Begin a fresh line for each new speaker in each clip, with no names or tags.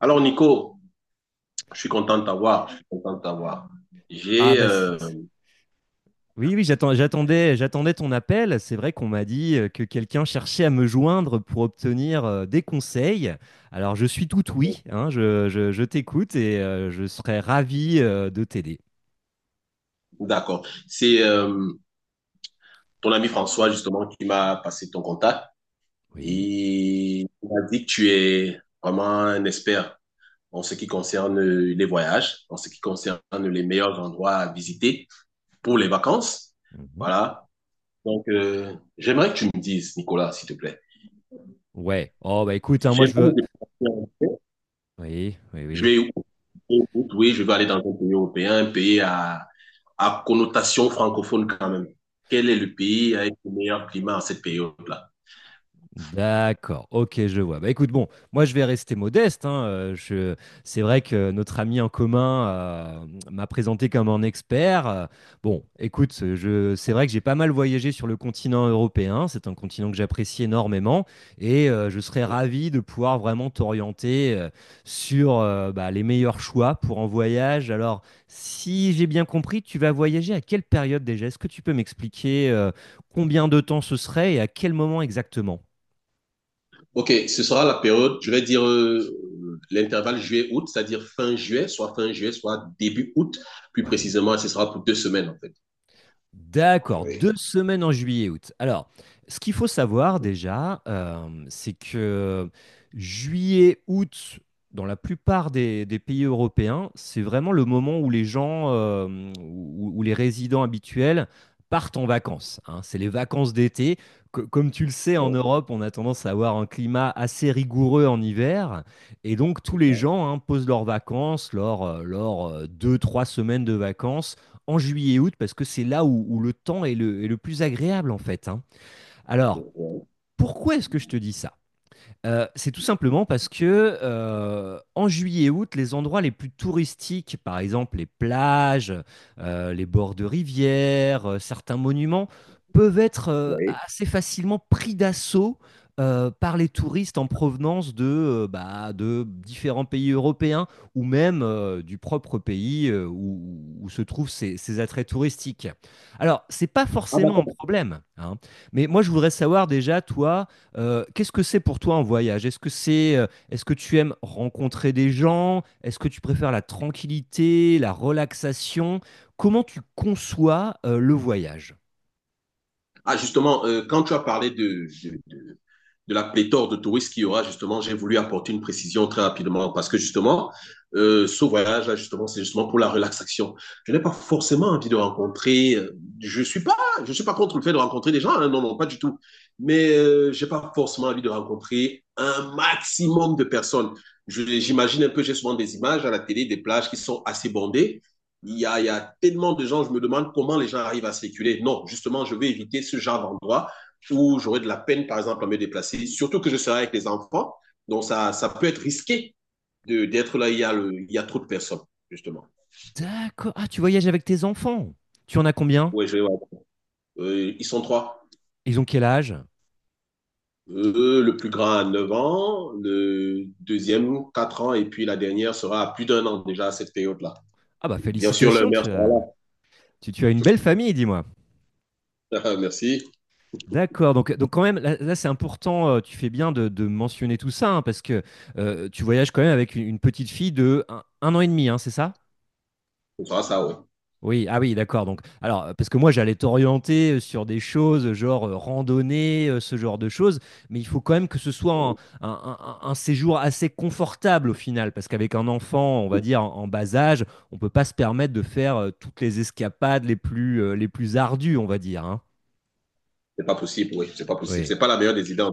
Alors, Nico, je suis content de t'avoir.
Ah
J'ai.
bah oui, oui, j'attendais, ton appel. C'est vrai qu'on m'a dit que quelqu'un cherchait à me joindre pour obtenir des conseils. Alors je suis tout oui, hein, je t'écoute et je serais ravi de t'aider.
D'accord. C'est ton ami François, justement, qui m'a passé ton contact
Oui.
et il m'a dit que tu es vraiment un expert en ce qui concerne les voyages, en ce qui concerne les meilleurs endroits à visiter pour les vacances.
Mhm.
Voilà. Donc, j'aimerais que tu me dises, Nicolas, s'il te plaît.
Ouais, oh bah écoute, hein, moi je
J'aimerais me
veux.
déplacer.
Oui, oui,
Je
oui.
vais, oui, je vais aller dans un pays européen, un pays à connotation francophone quand même. Quel est le pays avec le meilleur climat en cette période-là?
D'accord, ok, je vois. Bah écoute, bon, moi je vais rester modeste, hein, c'est vrai que notre ami en commun m'a présenté comme un expert. Écoute, c'est vrai que j'ai pas mal voyagé sur le continent européen. C'est un continent que j'apprécie énormément et je serais ravi de pouvoir vraiment t'orienter sur bah, les meilleurs choix pour un voyage. Alors, si j'ai bien compris, tu vas voyager à quelle période déjà? Est-ce que tu peux m'expliquer combien de temps ce serait et à quel moment exactement?
Ok, ce sera la période, je vais dire l'intervalle juillet-août, c'est-à-dire fin juillet, soit début août. Plus
Oui.
précisément, ce sera pour 2 semaines en fait.
D'accord,
Oui.
deux semaines en juillet-août. Alors, ce qu'il faut savoir déjà, c'est que juillet-août, dans la plupart des pays européens, c'est vraiment le moment où les gens, où les résidents habituels partent en vacances, hein. C'est les vacances d'été. Comme tu le sais, en
Oui,
Europe, on a tendance à avoir un climat assez rigoureux en hiver. Et donc, tous
c'est ça.
les gens, hein, posent leurs vacances, leurs, leurs deux, trois semaines de vacances en juillet et août parce que c'est là où le temps est est le plus agréable en fait, hein. Alors,
Oui,
pourquoi est-ce que je te dis ça? C'est tout simplement parce que en juillet-août, et août, les endroits les plus touristiques, par exemple les plages, les bords de rivières, certains monuments, peuvent être
oui.
assez facilement pris d'assaut par les touristes en provenance bah, de différents pays européens ou même du propre pays où se trouvent ces attraits touristiques. Alors, c'est pas
Ah,
forcément un
d'accord.
problème, hein, mais moi je voudrais savoir déjà, toi, qu'est-ce que c'est pour toi un voyage? Est-ce que est-ce que tu aimes rencontrer des gens? Est-ce que tu préfères la tranquillité, la relaxation? Comment tu conçois, le voyage?
Ah, justement, quand tu as parlé de la pléthore de touristes qu'il y aura, justement, j'ai voulu apporter une précision très rapidement parce que, justement, ce voyage-là, justement, c'est justement pour la relaxation. Je n'ai pas forcément envie de rencontrer, je suis pas contre le fait de rencontrer des gens, hein, non, non, pas du tout. Mais j'ai pas forcément envie de rencontrer un maximum de personnes. J'imagine un peu, j'ai souvent des images à la télé, des plages qui sont assez bondées. Il y a tellement de gens, je me demande comment les gens arrivent à circuler. Non, justement, je vais éviter ce genre d'endroit où j'aurai de la peine, par exemple, à me déplacer, surtout que je serai avec les enfants. Donc, ça peut être risqué d'être là, il y a trop de personnes, justement.
D'accord. Ah, tu voyages avec tes enfants. Tu en as combien?
Oui, je vais voir. Ils sont trois.
Ils ont quel âge?
Le plus grand a 9 ans, le deuxième 4 ans, et puis la dernière sera à plus d'1 an déjà à cette période-là.
Ah bah
Et bien sûr, le
félicitations,
maire sera
tu, tu as une belle famille, dis-moi.
là. Merci.
D'accord, donc quand même, là, c'est important, tu fais bien de mentionner tout ça, hein, parce que tu voyages quand même avec une petite fille de un an et demi, hein, c'est ça?
Ce sera ça,
Oui, ah oui, d'accord. Donc, alors, parce que moi, j'allais t'orienter sur des choses, genre randonnée, ce genre de choses, mais il faut quand même que ce soit
oui.
un séjour assez confortable au final, parce qu'avec un enfant, on va dire, en bas âge, on peut pas se permettre de faire toutes les escapades les plus ardues, on va dire, hein.
C'est pas possible, oui. C'est pas possible.
Oui,
C'est pas la meilleure des idées.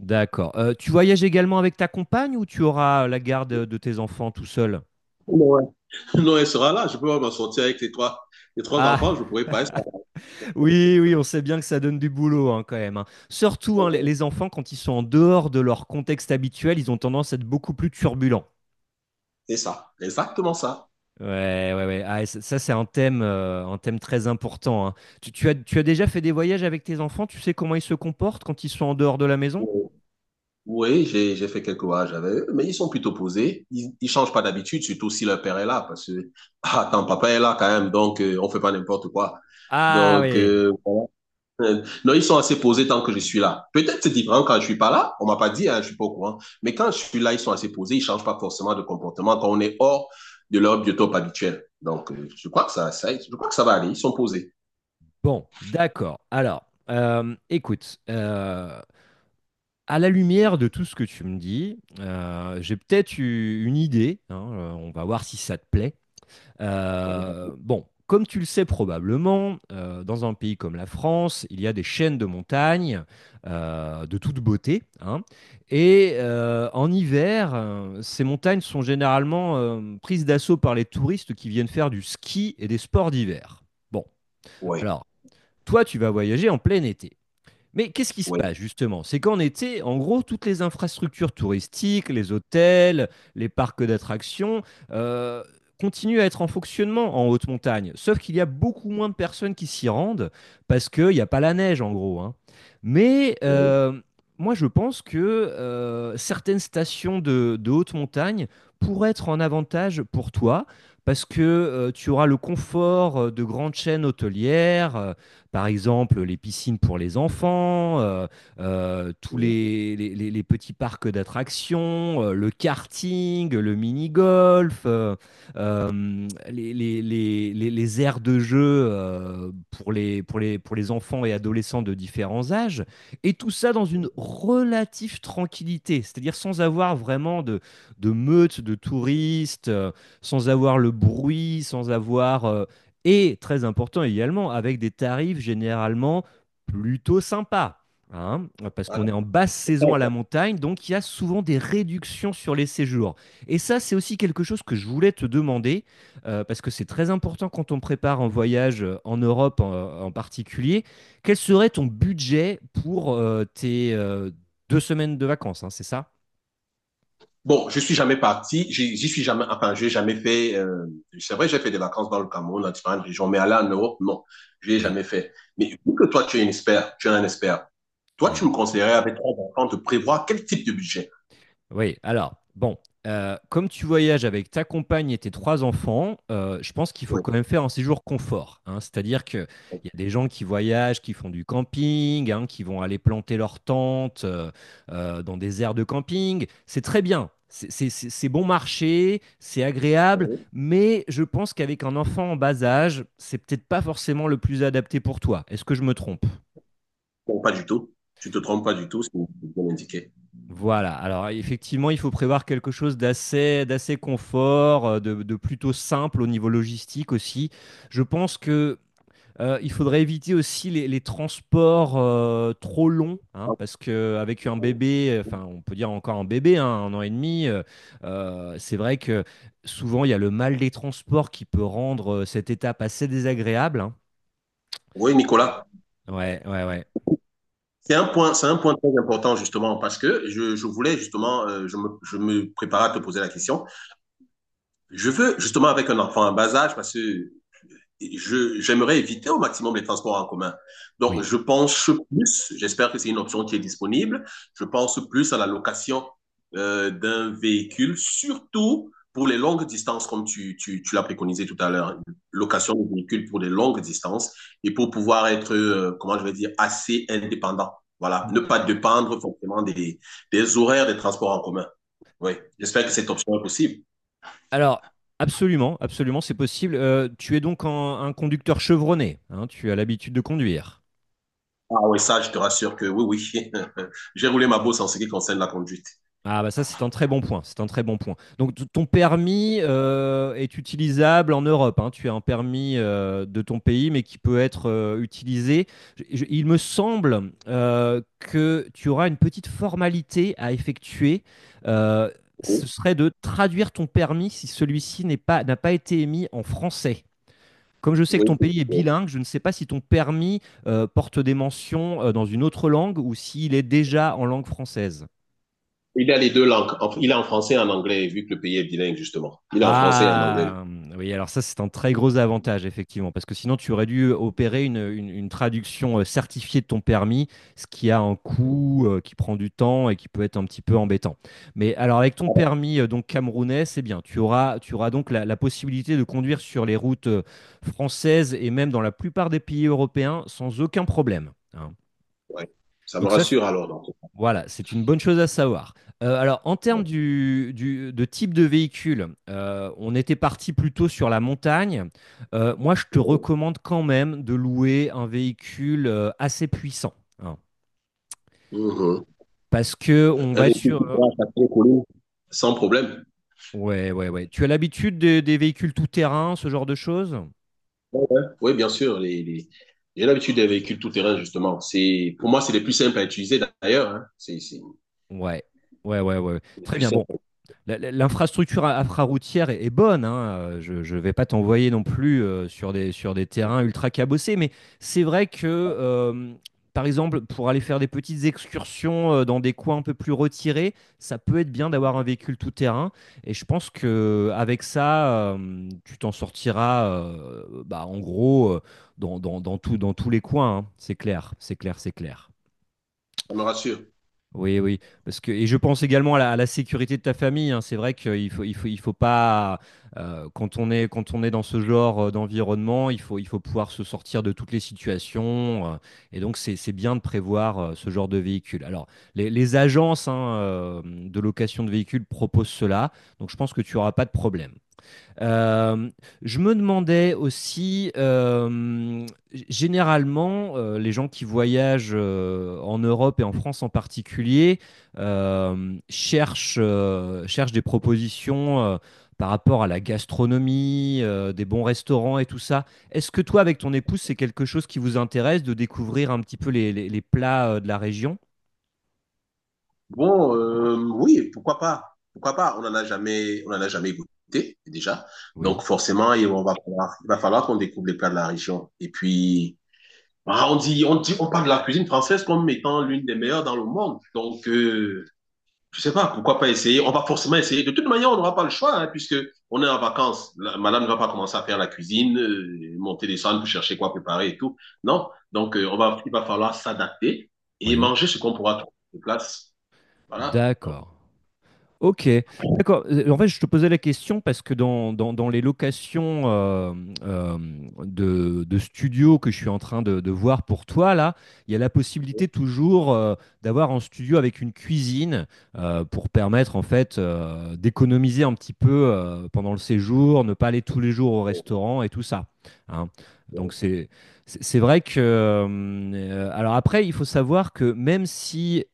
d'accord. Tu voyages également avec ta compagne ou tu auras la garde de tes enfants tout seul?
Ouais. Non, elle sera là. Je peux pas m'en sortir avec les trois
Ah,
enfants. Je pourrais pas.
oui, oui, on sait bien que ça donne du boulot hein, quand même, hein. Surtout hein, les enfants, quand ils sont en dehors de leur contexte habituel, ils ont tendance à être beaucoup plus turbulents.
C'est ça. Exactement ça.
Ouais, ouais, ouais. Ah, et ça, c'est un thème très important, hein. Tu as déjà fait des voyages avec tes enfants? Tu sais comment ils se comportent quand ils sont en dehors de la maison?
Oui, oui, j'ai fait quelques voyages avec eux, mais ils sont plutôt posés. Ils changent pas d'habitude, surtout si leur père est là, parce que ah, ton papa est là quand même, donc on fait pas n'importe quoi.
Ah
Donc
oui.
voilà. Non, ils sont assez posés tant que je suis là. Peut-être c'est différent quand je suis pas là, on m'a pas dit, hein, je suis pas au courant. Mais quand je suis là, ils sont assez posés, ils changent pas forcément de comportement quand on est hors de leur biotope habituel. Donc je crois que ça va aller. Ils sont posés.
Bon, d'accord. Écoute, à la lumière de tout ce que tu me dis, j'ai peut-être eu une idée, hein. On va voir si ça te plaît. Bon, comme tu le sais probablement, dans un pays comme la France, il y a des chaînes de montagnes de toute beauté, hein. Et en hiver, ces montagnes sont généralement prises d'assaut par les touristes qui viennent faire du ski et des sports d'hiver. Bon,
Oui,
alors, toi, tu vas voyager en plein été. Mais qu'est-ce qui se
oui,
passe justement? C'est qu'en été, en gros, toutes les infrastructures touristiques, les hôtels, les parcs d'attractions, euh, continuent à être en fonctionnement en haute montagne. Sauf qu'il y a beaucoup moins de personnes qui s'y rendent parce qu'il n'y a pas la neige en gros, hein. Mais
oui.
moi, je pense que certaines stations de haute montagne pourraient être en avantage pour toi parce que tu auras le confort de grandes chaînes hôtelières. Par exemple les piscines pour les enfants, tous
Oui.
les petits parcs d'attractions, le karting, le mini-golf, les aires de jeu pour pour les enfants et adolescents de différents âges, et tout ça dans une relative tranquillité, c'est-à-dire sans avoir vraiment de meute de touristes, sans avoir le bruit, sans avoir et très important également, avec des tarifs généralement plutôt sympas, hein, parce qu'on est en basse saison à la montagne, donc il y a souvent des réductions sur les séjours. Et ça, c'est aussi quelque chose que je voulais te demander, parce que c'est très important quand on prépare un voyage en particulier. Quel serait ton budget pour tes deux semaines de vacances, hein, c'est ça?
Bon, je suis jamais parti, j'y suis jamais, enfin, j'ai jamais fait, c'est vrai, j'ai fait des vacances dans le Cameroun, dans différentes régions, mais aller en Europe, non, je l'ai
Oui,
jamais fait. Mais vu que toi, tu es un expert, tu es un expert, toi, tu me
oui.
conseillerais avec trois enfants de prévoir quel type de budget?
Oui, alors, bon, comme tu voyages avec ta compagne et tes trois enfants, je pense qu'il faut
Oui.
quand même faire un séjour confort, hein. C'est-à-dire qu'il y a des gens qui voyagent, qui font du camping, hein, qui vont aller planter leur tente dans des aires de camping. C'est très bien. C'est bon marché, c'est agréable, mais je pense qu'avec un enfant en bas âge, c'est peut-être pas forcément le plus adapté pour toi. Est-ce que je me trompe?
Bon, pas du tout. Tu te trompes pas du tout, c'est bien indiqué.
Voilà, alors effectivement, il faut prévoir quelque chose d'assez confort, de plutôt simple au niveau logistique aussi. Je pense que il faudrait éviter aussi les transports trop longs, hein, parce que avec un bébé, enfin on peut dire encore un bébé, hein, un an et demi, c'est vrai que souvent il y a le mal des transports qui peut rendre cette étape assez désagréable, hein.
Oui, Nicolas.
Ouais, ouais, ouais,
C'est un point très important justement parce que je voulais justement, je me préparais à te poser la question. Je veux justement avec un enfant en bas âge, parce que Je j'aimerais éviter au maximum les transports en commun. Donc,
oui.
je pense plus, j'espère que c'est une option qui est disponible, je pense plus à la location d'un véhicule, surtout pour les longues distances, comme tu l'as préconisé tout à l'heure, location de véhicules pour des longues distances et pour pouvoir être, comment je vais dire, assez indépendant. Voilà, ne pas dépendre forcément des horaires des transports en commun. Oui, j'espère que cette option est possible.
Alors, absolument, absolument, c'est possible. Tu es donc un conducteur chevronné, hein, tu as l'habitude de conduire.
Ah oui, ça, je te rassure que oui, oui. J'ai roulé ma bosse en ce qui concerne la conduite.
Ah bah ça c'est un très bon point, c'est un très bon point. Donc ton permis est utilisable en Europe, hein, tu as un permis de ton pays mais qui peut être utilisé. Il me semble que tu auras une petite formalité à effectuer. Euh,
Oui,
Ce serait de traduire ton permis si celui-ci n'est pas, n'a pas été émis en français. Comme je sais que
oui,
ton pays est
oui.
bilingue, je ne sais pas si ton permis porte des mentions dans une autre langue ou s'il est déjà en langue française.
Il a les deux langues. En- il est en français et en anglais, vu que le pays est bilingue, justement. Il est en français et en anglais.
Ah, oui, alors ça, c'est un très gros avantage, effectivement, parce que sinon, tu aurais dû opérer une traduction certifiée de ton permis, ce qui a un coût, qui prend du temps et qui peut être un petit peu embêtant. Mais alors, avec ton
Ah, bon,
permis donc camerounais, c'est bien. Tu auras donc la possibilité de conduire sur les routes françaises et même dans la plupart des pays européens sans aucun problème, hein.
ouais. Ça me
Donc ça,
rassure alors. Dans tout
voilà, c'est une bonne chose à savoir. Alors, en termes
cas.
de type de véhicule, on était parti plutôt sur la montagne. Moi, je te recommande quand même de louer un véhicule assez puissant, hein,
Mhm.
parce que on va être
Avec tout ce qui tu pourras t'appeler, sans problème.
ouais, ouais, ouais. Tu as l'habitude des véhicules tout-terrain, ce genre de choses?
Ouais, ouais. Oui, bien sûr. J'ai l'habitude des véhicules tout-terrain, justement. C'est... Pour moi, c'est les plus simples à utiliser, d'ailleurs. Hein. C'est
Ouais, ouais, ouais, ouais.
les
Très
plus
bien. Bon.
simples.
L'infrastructure infraroutière est bonne, hein. Je ne vais pas t'envoyer non plus sur sur des terrains ultra cabossés, mais c'est vrai que, par exemple, pour aller faire des petites excursions dans des coins un peu plus retirés, ça peut être bien d'avoir un véhicule tout-terrain. Et je pense que avec ça, tu t'en sortiras, bah, en gros, dans tous les coins, hein. C'est clair, c'est clair, c'est clair.
Ça me rassure.
Oui, oui, parce que et je pense également à à la sécurité de ta famille, hein. C'est vrai qu'il faut, il faut pas quand on est dans ce genre d'environnement, il faut pouvoir se sortir de toutes les situations. Et donc c'est bien de prévoir ce genre de véhicule. Alors les agences hein, de location de véhicules proposent cela, donc je pense que tu auras pas de problème. Euh, je me demandais aussi, généralement, les gens qui voyagent en Europe et en France en particulier cherchent des propositions par rapport à la gastronomie, des bons restaurants et tout ça. Est-ce que toi, avec ton épouse, c'est quelque chose qui vous intéresse de découvrir un petit peu les plats de la région?
Bon, oui, pourquoi pas? Pourquoi pas? On en a jamais goûté déjà.
Oui,
Donc forcément, il va falloir qu'on découvre les plats de la région. Et puis, ah, on parle de la cuisine française comme étant l'une des meilleures dans le monde. Donc, je sais pas, pourquoi pas essayer? On va forcément essayer. De toute manière, on n'aura pas le choix, hein, puisque on est en vacances. La- madame ne va pas commencer à faire la cuisine, monter les salles pour chercher quoi préparer et tout. Non. Donc, il va falloir s'adapter et
oui.
manger ce qu'on pourra trouver sur place. Voilà.
D'accord. Ok, d'accord. En fait, je te posais la question parce que dans les locations euh, de studios que je suis en train de voir pour toi, là, il y a la
Oui,
possibilité toujours d'avoir un studio avec une cuisine pour permettre en fait d'économiser un petit peu pendant le séjour, ne pas aller tous les jours au
oui,
restaurant et tout ça, hein. Donc
oui,
c'est vrai que alors après, il faut savoir que même si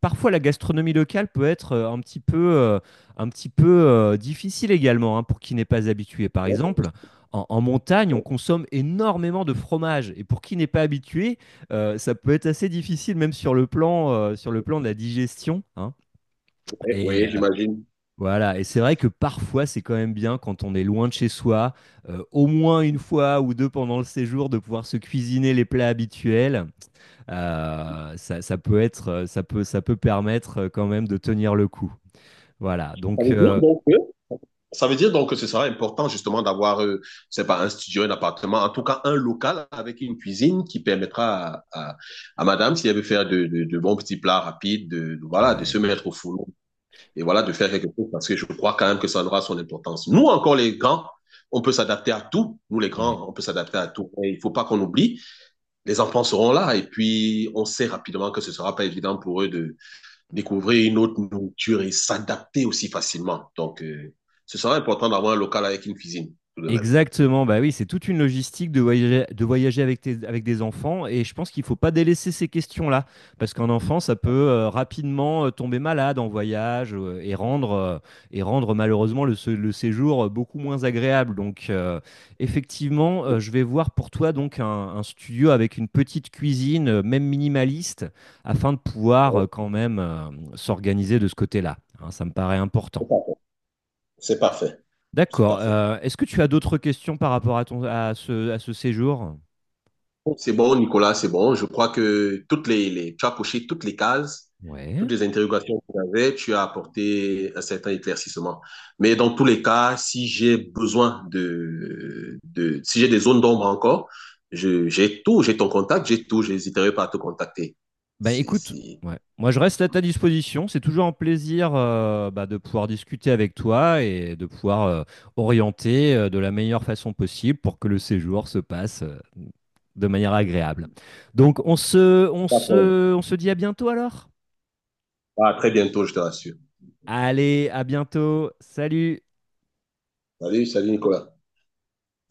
parfois la gastronomie locale peut être un petit peu difficile également hein, pour qui n'est pas habitué. Par
oui,
exemple, en montagne, on
oui,
consomme énormément de fromage et pour qui n'est pas habitué, ça peut être assez difficile même sur le plan de la digestion, hein.
oui,
Et,
oui, j'imagine.
voilà, et c'est vrai que parfois, c'est quand même bien quand on est loin de chez soi, au moins une fois ou 2 pendant le séjour, de pouvoir se cuisiner les plats habituels. Ça peut être, ça peut permettre, quand même de tenir le coup. Voilà,
Ça veut dire donc que Ça veut dire donc que ce sera important justement d'avoir, c'est pas un studio, un appartement, en tout cas un local avec une cuisine qui permettra à madame, si elle veut faire de bons petits plats rapides, voilà, de se
ouais,
mettre au four et voilà, de faire quelque chose parce que je crois quand même que ça aura son importance. Nous, encore les grands, on peut s'adapter à tout. Nous, les
ouais.
grands, on peut s'adapter à tout. Et il faut pas qu'on oublie, les enfants seront là et puis on sait rapidement que ce sera pas évident pour eux de découvrir une autre nourriture et s'adapter aussi facilement. Donc, ce sera important d'avoir un local avec une cuisine, tout de même.
Exactement, bah oui, c'est toute une logistique de voyager avec, avec des enfants et je pense qu'il ne faut pas délaisser ces questions-là parce qu'un enfant, ça peut rapidement tomber malade en voyage et rendre malheureusement le séjour beaucoup moins agréable. Donc effectivement, je vais voir pour toi donc un studio avec une petite cuisine, même minimaliste, afin de pouvoir quand même s'organiser de ce côté-là, hein. Ça me paraît
C'est
important.
parfait. C'est
D'accord.
parfait.
Est-ce que tu as d'autres questions par rapport à ton à ce séjour?
C'est bon, Nicolas, c'est bon. Je crois que tu as coché toutes les cases,
Ouais,
toutes les interrogations que tu avais, tu as apporté un certain éclaircissement. Mais dans tous les cas, si j'ai besoin de si j'ai des zones d'ombre encore, j'ai tout, j'ai ton contact, j'ai tout, j'hésiterai pas à te contacter.
bah
C'est
écoute,
c'est,
ouais. Moi je reste à ta disposition. C'est toujours un plaisir bah, de pouvoir discuter avec toi et de pouvoir orienter de la meilleure façon possible pour que le séjour se passe de manière agréable. Donc
D'accord.
on se dit à bientôt alors.
À très bientôt, je te rassure.
Allez, à bientôt. Salut.
Salut, salut Nicolas.